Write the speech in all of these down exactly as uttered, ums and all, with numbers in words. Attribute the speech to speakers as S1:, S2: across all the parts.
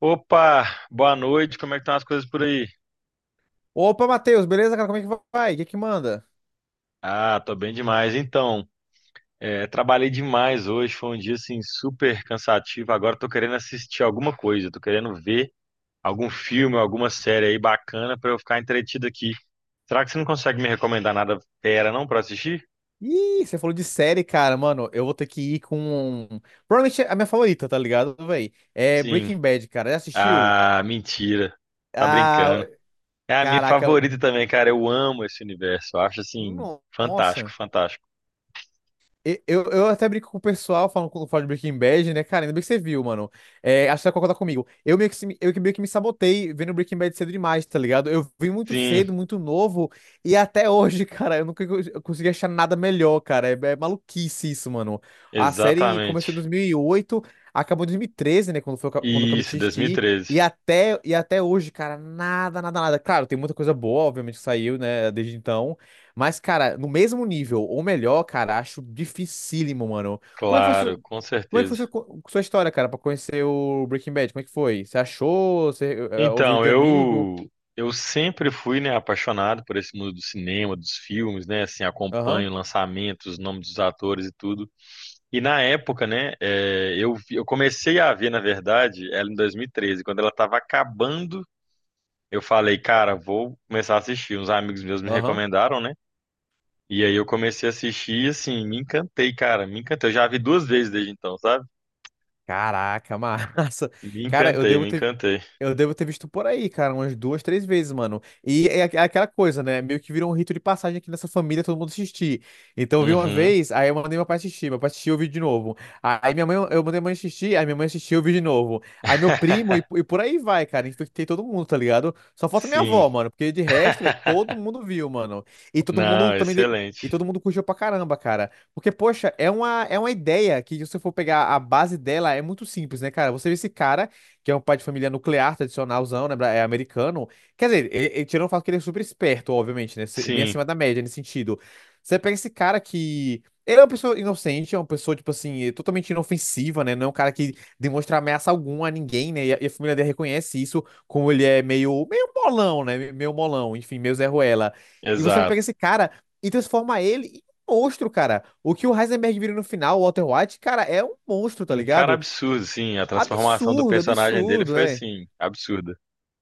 S1: Opa, boa noite, como é que estão as coisas por aí?
S2: Opa, Matheus, beleza, cara? Como é que vai? O que que manda?
S1: Ah, tô bem demais. Então, é, trabalhei demais hoje, foi um dia assim super cansativo. Agora tô querendo assistir alguma coisa, tô querendo ver algum filme, alguma série aí bacana pra eu ficar entretido aqui. Será que você não consegue me recomendar nada fera não pra assistir?
S2: Ih, você falou de série, cara, mano. Eu vou ter que ir com, um, provavelmente é a minha favorita, tá ligado, véi? É
S1: Sim.
S2: Breaking Bad, cara. Já assistiu?
S1: Ah, mentira. Tá
S2: Ah,
S1: brincando. É a minha
S2: caraca.
S1: favorita também, cara. Eu amo esse universo. Eu acho assim
S2: No-
S1: fantástico,
S2: Nossa.
S1: fantástico.
S2: E- Eu, eu até brinco com o pessoal falando quando falo de Breaking Bad, né? Cara, ainda bem que você viu, mano. É, acho que você vai concordar comigo. Eu meio que, se- eu que meio que me sabotei vendo Breaking Bad cedo demais, tá ligado? Eu vi muito
S1: Sim,
S2: cedo, muito novo, e até hoje, cara, eu nunca cons- eu consegui achar nada melhor, cara. É, é maluquice isso, mano. A série começou em
S1: exatamente.
S2: dois mil e oito, acabou em dois mil e treze, né? Quando, foi, quando eu acabei
S1: Isso,
S2: de assistir. E
S1: dois mil e treze.
S2: até, e até hoje, cara, nada, nada, nada. Claro, tem muita coisa boa, obviamente, que saiu, né, desde então. Mas, cara, no mesmo nível, ou melhor, cara, acho dificílimo, mano. Como é que foi, sua-
S1: Claro, com
S2: como é que foi
S1: certeza.
S2: sua, co- sua história, cara, pra conhecer o Breaking Bad? Como é que foi? Você achou? Você eh, eh, ouviu
S1: Então,
S2: de amigo?
S1: eu eu sempre fui, né, apaixonado por esse mundo do cinema, dos filmes, né, assim,
S2: Aham,
S1: acompanho lançamentos, os nomes dos atores e tudo. E na época, né, é, eu vi- eu comecei a ver, na verdade, ela em dois mil e treze, quando ela estava acabando, eu falei, cara, vou começar a assistir. Uns amigos meus me
S2: aham.
S1: recomendaram, né? E aí eu comecei a assistir e assim, me encantei, cara, me encantei. Eu já vi duas vezes desde então, sabe?
S2: Caraca, massa.
S1: Me
S2: Cara, eu
S1: encantei,
S2: devo
S1: me
S2: ter.
S1: encantei.
S2: Eu devo ter visto por aí, cara, umas duas, três vezes, mano. E é aqu- é aquela coisa, né? Meio que virou um rito de passagem aqui nessa família, todo mundo assistir. Então eu vi uma
S1: Uhum.
S2: vez, aí eu mandei meu pai assistir, meu pai assistiu, eu vi de novo. Aí minha mãe, eu mandei minha mãe assistir, aí minha mãe assistiu, eu vi de novo. Aí meu primo, e, e por aí vai, cara. Infectei todo mundo, tá ligado? Só falta minha
S1: Sim.
S2: avó, mano, porque de resto, velho, todo mundo viu, mano. E todo mundo
S1: Não,
S2: também. de- E
S1: excelente.
S2: todo mundo curtiu pra caramba, cara. Porque, poxa, é uma, é uma ideia que, se você for pegar a base dela, é muito simples, né, cara? Você vê esse cara que é um pai de família nuclear, tradicionalzão, né? bra- É americano. Quer dizer, ele, ele tirando o fato que ele é super esperto, obviamente, né? se- Bem
S1: Sim,
S2: acima da média nesse sentido. Você pega esse cara que. Ele é uma pessoa inocente, é uma pessoa, tipo assim, totalmente inofensiva, né? Não é um cara que demonstra ameaça alguma a ninguém, né? E a, e a família dele reconhece isso, como ele é meio, meio molão, né? me- Meio molão, enfim, meio Zé Ruela. E você pega
S1: exato.
S2: esse cara e transforma ele em um monstro, cara. O que o Heisenberg vira no final, o Walter White, cara, é um monstro, tá
S1: Um cara
S2: ligado?
S1: absurdo, sim. A transformação do
S2: Absurdo,
S1: personagem dele
S2: absurdo,
S1: foi
S2: é.
S1: assim, absurda.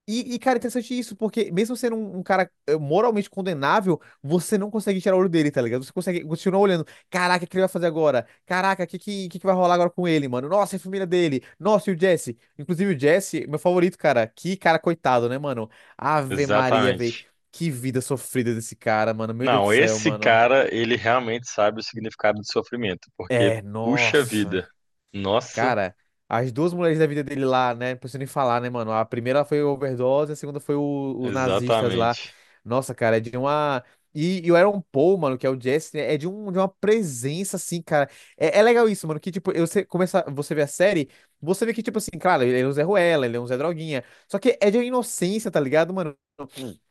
S2: E, e, cara, interessante isso, porque mesmo sendo um, um cara eh, moralmente condenável, você não consegue tirar o olho dele, tá ligado? Você consegue continuar olhando. Caraca, o que ele vai fazer agora? Caraca, o que, que, que que vai rolar agora com ele, mano? Nossa, e a família dele. Nossa, e o Jesse. Inclusive, o Jesse, meu favorito, cara. Que cara coitado, né, mano? Ave Maria, véi.
S1: Exatamente.
S2: Que vida sofrida desse cara, mano. Meu Deus do
S1: Não,
S2: céu,
S1: esse
S2: mano.
S1: cara, ele realmente sabe o significado do sofrimento, porque
S2: É,
S1: puxa
S2: nossa.
S1: vida. Nossa,
S2: Cara, as duas mulheres da vida dele lá, né? Não preciso nem falar, né, mano? A primeira foi overdose, a segunda foi o- os nazistas lá.
S1: exatamente.
S2: Nossa, cara, é de uma. E, e o Aaron Paul, mano, que é o Jesse, né, é de, um, de uma presença, assim, cara. É, é legal isso, mano, que, tipo, eu- você começa, você vê a série, você vê que, tipo assim, claro, ele é um Zé Ruela, ele é um Zé Droguinha. Só que é de uma inocência, tá ligado, mano?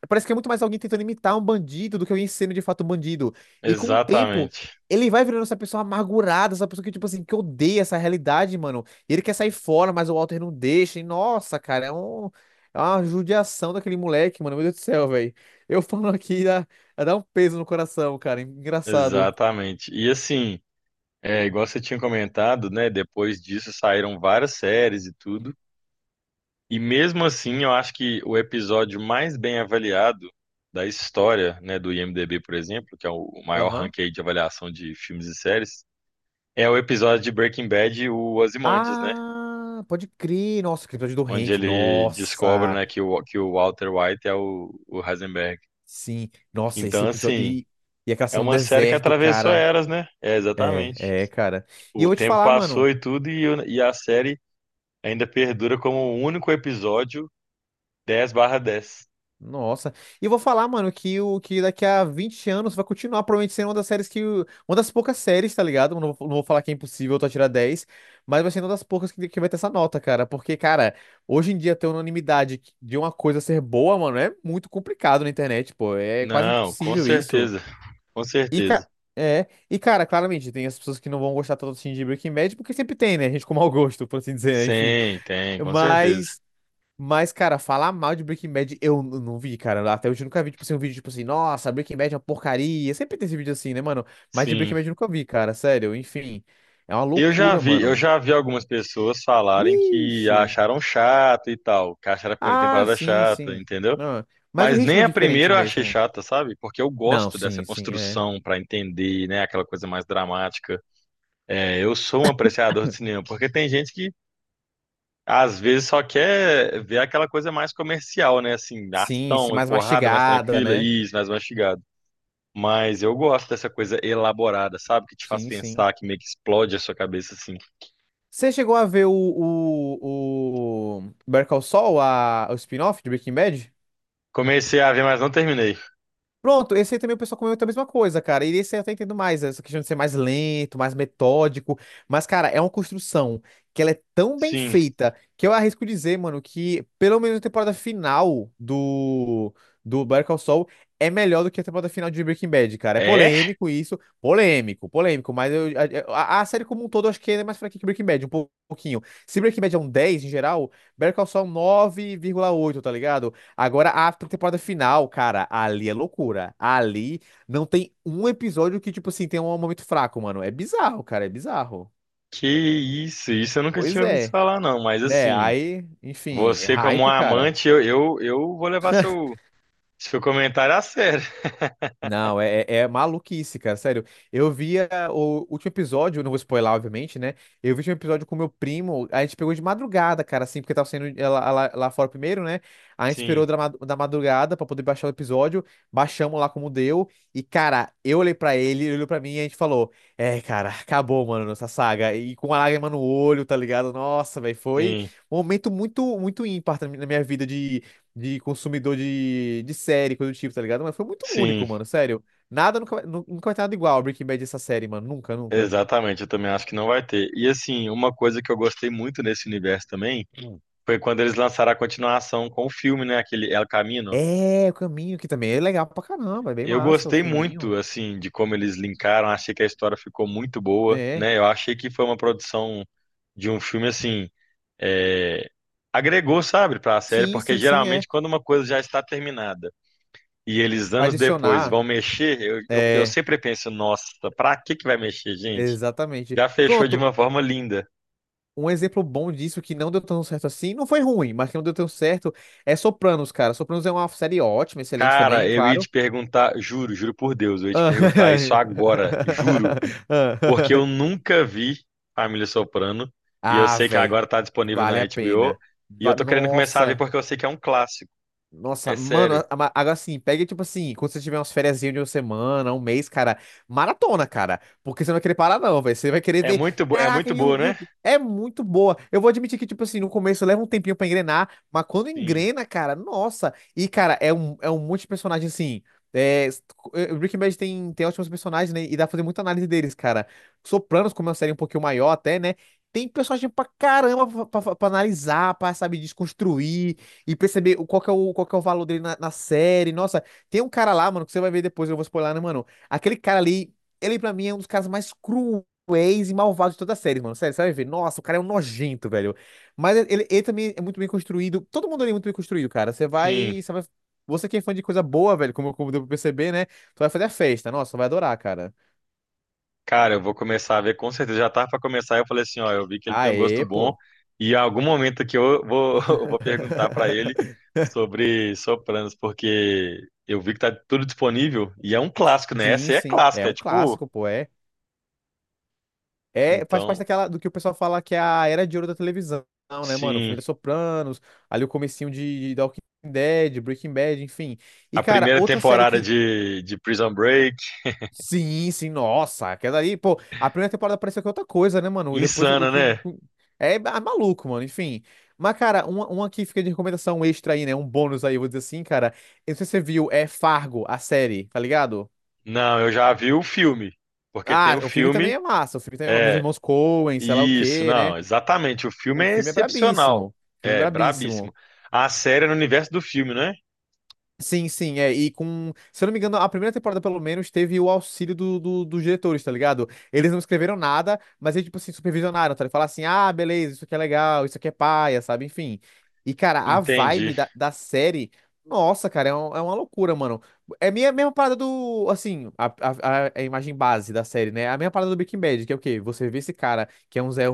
S2: Parece que é muito mais alguém tentando imitar um bandido do que alguém sendo de fato um bandido. E com o tempo,
S1: Exatamente.
S2: ele vai virando essa pessoa amargurada, essa pessoa que, tipo assim, que odeia essa realidade, mano. E ele quer sair fora, mas o Walter não deixa. E nossa, cara, é um. É uma judiação daquele moleque, mano. Meu Deus do céu, velho. Eu falando aqui dá, dá um peso no coração, cara. Engraçado.
S1: Exatamente. E assim, é, igual você tinha comentado, né? Depois disso saíram várias séries e tudo. E mesmo assim, eu acho que o episódio mais bem avaliado da história, né, do IMDb, por exemplo, que é o maior
S2: Aham.
S1: ranking aí de avaliação de filmes e séries, é o episódio de Breaking Bad, o Ozymandias, né,
S2: Ah, pode crer. Nossa, aquele episódio do
S1: onde
S2: Hank.
S1: ele descobre,
S2: Nossa.
S1: né, que o, que o Walter White é o, o Heisenberg.
S2: Sim. Nossa, esse
S1: Então,
S2: episódio.
S1: assim,
S2: E, e aquela
S1: é
S2: cena no
S1: uma série que
S2: deserto,
S1: atravessou
S2: cara.
S1: eras, né? É, exatamente.
S2: É, é, cara. E
S1: O
S2: eu vou te
S1: tempo
S2: falar,
S1: passou
S2: mano.
S1: e tudo, e, o- e a série ainda perdura como o único episódio dez barra dez.
S2: Nossa. E eu vou falar, mano, que o que daqui a vinte anos vai continuar provavelmente sendo uma das séries que. Uma das poucas séries, tá ligado? Não vou, não vou falar que é impossível tu tirar dez, mas vai ser uma das poucas que, que vai ter essa nota, cara. Porque, cara, hoje em dia ter unanimidade de uma coisa ser boa, mano, é muito complicado na internet, pô. É quase
S1: Não, com
S2: impossível isso.
S1: certeza. Com
S2: E,
S1: certeza.
S2: cara. É, e cara, claramente tem as pessoas que não vão gostar tanto assim de Breaking Bad, porque sempre tem, né? Gente com mau gosto, por assim dizer, né? Enfim.
S1: Sim, tem, com certeza.
S2: Mas Mas, cara, falar mal de Breaking Bad eu n- não vi, cara. Até hoje eu nunca vi, tipo assim, um vídeo tipo assim, nossa, Breaking Bad é uma porcaria. Sempre tem esse vídeo assim, né, mano? Mas de Breaking
S1: Sim.
S2: Bad eu nunca vi, cara, sério. Enfim, é uma
S1: Eu já
S2: loucura,
S1: vi, eu
S2: mano.
S1: já vi algumas pessoas falarem que
S2: Vixe.
S1: acharam chato e tal, que acharam a primeira
S2: Ah,
S1: temporada
S2: sim,
S1: chata,
S2: sim.
S1: entendeu?
S2: Não, mas o
S1: Mas nem
S2: ritmo é
S1: a
S2: diferente
S1: primeira eu achei
S2: mesmo.
S1: chata, sabe? Porque eu
S2: Não,
S1: gosto dessa
S2: sim, sim, é.
S1: construção pra entender, né, aquela coisa mais dramática. É, eu sou um apreciador de cinema, porque tem gente que às vezes só quer ver aquela coisa mais comercial, né, assim,
S2: Sim, sim,
S1: ação e
S2: mais
S1: porrada mais
S2: mastigada,
S1: tranquila,
S2: né?
S1: isso, mais mastigada. Mas eu gosto dessa coisa elaborada, sabe? Que te faz
S2: Sim, sim.
S1: pensar, que meio que explode a sua cabeça, assim.
S2: Você chegou a ver o, o, o Better Call Saul, a, o spin-off de Breaking Bad?
S1: Comecei a ver, mas não terminei.
S2: Pronto, esse aí também o pessoal comenta a mesma coisa, cara. E esse aí eu até entendo mais, essa questão de ser mais lento, mais metódico. Mas, cara, é uma construção que ela é tão bem
S1: Sim.
S2: feita que eu arrisco dizer, mano, que pelo menos a temporada final do, do Better Call Saul é melhor do que a temporada final de Breaking Bad, cara. É
S1: É?
S2: polêmico isso, polêmico, polêmico. Mas eu, a, a- a série como um todo eu acho que é mais fraca que Breaking Bad, um pouquinho. Se Breaking Bad é um dez em geral, Better Call Saul é um nove vírgula oito, tá ligado? Agora, a temporada final, cara, ali é loucura. Ali não tem um episódio que, tipo assim, tem um momento fraco, mano. É bizarro, cara, é bizarro.
S1: Que isso? Isso eu nunca
S2: Pois
S1: tinha ouvido
S2: é,
S1: falar, não. Mas,
S2: né?
S1: assim,
S2: Aí, enfim, é
S1: você como um
S2: hype, cara.
S1: amante, eu, eu, eu vou levar seu, seu comentário a sério.
S2: Não, é, é é maluquice, cara, sério. Eu via o último episódio, não vou spoiler, obviamente, né? Eu vi o último episódio com meu primo, a gente pegou de madrugada, cara, assim, porque tava saindo é, lá, lá- lá fora primeiro, né? A gente esperou
S1: Sim,
S2: da ma- da madrugada pra poder baixar o episódio, baixamos lá como deu, e, cara, eu olhei pra ele, ele olhou pra mim e a gente falou: É, cara, acabou, mano, essa saga. E com uma lágrima no olho, tá ligado? Nossa, velho, foi
S1: sim,
S2: um momento muito, muito ímpar na minha vida de consumidor de, de série, coisa do tipo, tá ligado? Mas foi muito
S1: sim.
S2: único, mano, sério. Nada, nunca, vai- nu- nunca vai ter nada igual a Breaking Bad essa série, mano. Nunca, nunca.
S1: Exatamente, eu também acho que não vai ter. E, assim, uma coisa que eu gostei muito nesse universo também
S2: Hum.
S1: foi quando eles lançaram a continuação com o filme, né? Aquele El Camino.
S2: É, o caminho, que também é legal pra caramba, é bem
S1: Eu
S2: massa o
S1: gostei muito,
S2: filminho,
S1: assim, de como eles linkaram. Achei que a história ficou muito boa,
S2: né?
S1: né? Eu achei que foi uma produção de um filme, assim, é, agregou, sabe, para a série,
S2: Sim,
S1: porque
S2: sim, sim, é.
S1: geralmente quando uma coisa já está terminada e eles
S2: Pra
S1: anos depois
S2: adicionar,
S1: vão mexer, eu, eu, eu
S2: é,
S1: sempre penso, nossa, pra que que vai mexer, gente?
S2: exatamente.
S1: Já fechou de
S2: Pronto,
S1: uma forma linda.
S2: um exemplo bom disso que não deu tão certo assim, não foi ruim, mas que não deu tão certo, é Sopranos, cara. Sopranos é uma série ótima, excelente
S1: Cara,
S2: também,
S1: eu ia
S2: claro.
S1: te perguntar, juro, juro por Deus, eu ia te
S2: Ah,
S1: perguntar isso agora, juro. Porque eu nunca vi Família Soprano e eu
S2: Ah,
S1: sei que
S2: velho,
S1: agora tá disponível na
S2: vale a
S1: H B O
S2: pena.
S1: e eu
S2: Va-
S1: tô querendo começar a ver
S2: Nossa.
S1: porque eu sei que é um clássico.
S2: Nossa,
S1: É
S2: mano,
S1: sério.
S2: a- a- agora sim, pega tipo assim, quando você tiver umas férias de uma semana, um mês, cara, maratona, cara. Porque você não vai querer parar, não, velho. Você vai querer
S1: É
S2: ver.
S1: muito, bo- é
S2: Caraca,
S1: muito
S2: e o,
S1: boa,
S2: e o-
S1: né?
S2: é muito boa. Eu vou admitir que, tipo assim, no começo leva um tempinho pra engrenar, mas quando
S1: Sim,
S2: engrena, cara, nossa. E, cara, é um, é um monte de personagem assim. É, s- eh, Breaking Bad tem, tem ótimos personagens, né? E dá pra fazer muita análise deles, cara. Sopranos, como é uma série um pouquinho maior até, né? Tem personagem pra caramba pra, pra, pra analisar, pra, sabe, desconstruir. E perceber o- qual que é o, qual que é o valor dele na, na série. Nossa, tem um cara lá, mano, que você vai ver depois, eu não vou spoiler, né, mano? Aquele cara ali, ele pra mim é um dos caras mais cruéis e malvados de toda a série, mano. Sério, você vai ver. Nossa, o cara é um nojento, velho. Mas ele, ele também é muito bem construído. Todo mundo ali é muito bem construído, cara. Você
S1: sim.
S2: vai, você vai. Você que é fã de coisa boa, velho, como, como deu pra perceber, né? Tu vai fazer a festa. Nossa, vai adorar, cara.
S1: Cara, eu vou começar a ver com certeza. Já tava pra começar. Eu falei assim, ó, eu vi que ele tem um gosto
S2: Aê,
S1: bom
S2: pô.
S1: e em algum momento aqui eu vou, eu vou perguntar pra ele sobre Sopranos, porque eu vi que tá tudo disponível e é um clássico, né? Essa
S2: Sim,
S1: aí é
S2: sim. É
S1: clássica, é
S2: um
S1: tipo,
S2: clássico, pô. É. É, faz parte
S1: então,
S2: daquela do que o pessoal fala que é a era de ouro da televisão, né, mano?
S1: sim.
S2: Família Sopranos, ali o comecinho de, de The Walking Dead, Breaking Bad, enfim. E,
S1: A
S2: cara,
S1: primeira
S2: outra série
S1: temporada
S2: que.
S1: de, de Prison Break.
S2: Sim, sim, nossa, aquela ali, pô, a primeira temporada pareceu que é outra coisa, né, mano? Depois o.
S1: Insana, né?
S2: o- o- é, ah, maluco, mano, enfim. Mas, cara, uma, uma que fica de recomendação extra aí, né? Um bônus aí, eu vou dizer assim, cara. Eu não sei se você viu, é Fargo, a série, tá ligado?
S1: Não, eu já vi o filme. Porque tem
S2: Ah,
S1: o
S2: o filme também
S1: filme.
S2: é massa, o filme também é massa, dos
S1: É,
S2: irmãos Coen, sei lá o
S1: isso,
S2: quê, né?
S1: não, exatamente. O filme
S2: O
S1: é
S2: filme é brabíssimo.
S1: excepcional.
S2: O filme é
S1: É, brabíssimo.
S2: brabíssimo.
S1: A série é no universo do filme, né?
S2: Sim, sim, é. E com. Se eu não me engano, a primeira temporada, pelo menos, teve o auxílio do, do- dos diretores, tá ligado? Eles não escreveram nada, mas eles, tipo assim, supervisionaram, tá? Eles falaram assim: ah, beleza, isso aqui é legal, isso aqui é paia, sabe? Enfim. E, cara, a
S1: Entendi.
S2: vibe da, da série. Nossa, cara, é, um- é uma loucura, mano. É a minha mesma parada do. Assim, a, a, a a imagem base da série, né? A mesma parada do Breaking Bad, que é o quê? Você vê esse cara que é um Zé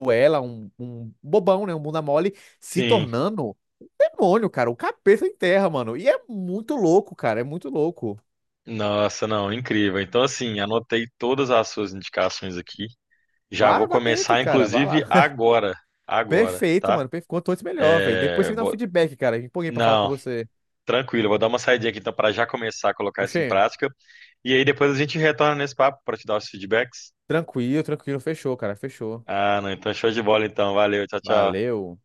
S2: Ruela, um, um bobão, né? Um bunda mole se
S1: Sim.
S2: tornando demônio, cara. O capeta enterra, mano. E é muito louco, cara. É muito louco.
S1: Nossa, não, incrível. Então, assim, anotei todas as suas indicações aqui. Já
S2: Vá,
S1: vou
S2: vá dentro,
S1: começar,
S2: cara. Vá
S1: inclusive,
S2: lá.
S1: agora. Agora,
S2: Perfeito,
S1: tá?
S2: mano. Perfe- Quanto antes, melhor, velho. Depois
S1: É,
S2: você me dá um
S1: vou-
S2: feedback, cara. Me empolguei pra falar com
S1: Não,
S2: você.
S1: tranquilo, eu vou dar uma saidinha aqui então para já começar a colocar isso em
S2: Oxê,
S1: prática. E aí depois a gente retorna nesse papo para te dar os feedbacks.
S2: tranquilo, tranquilo. Fechou, cara. Fechou.
S1: Ah, não, então show de bola então. Valeu, tchau, tchau.
S2: Valeu.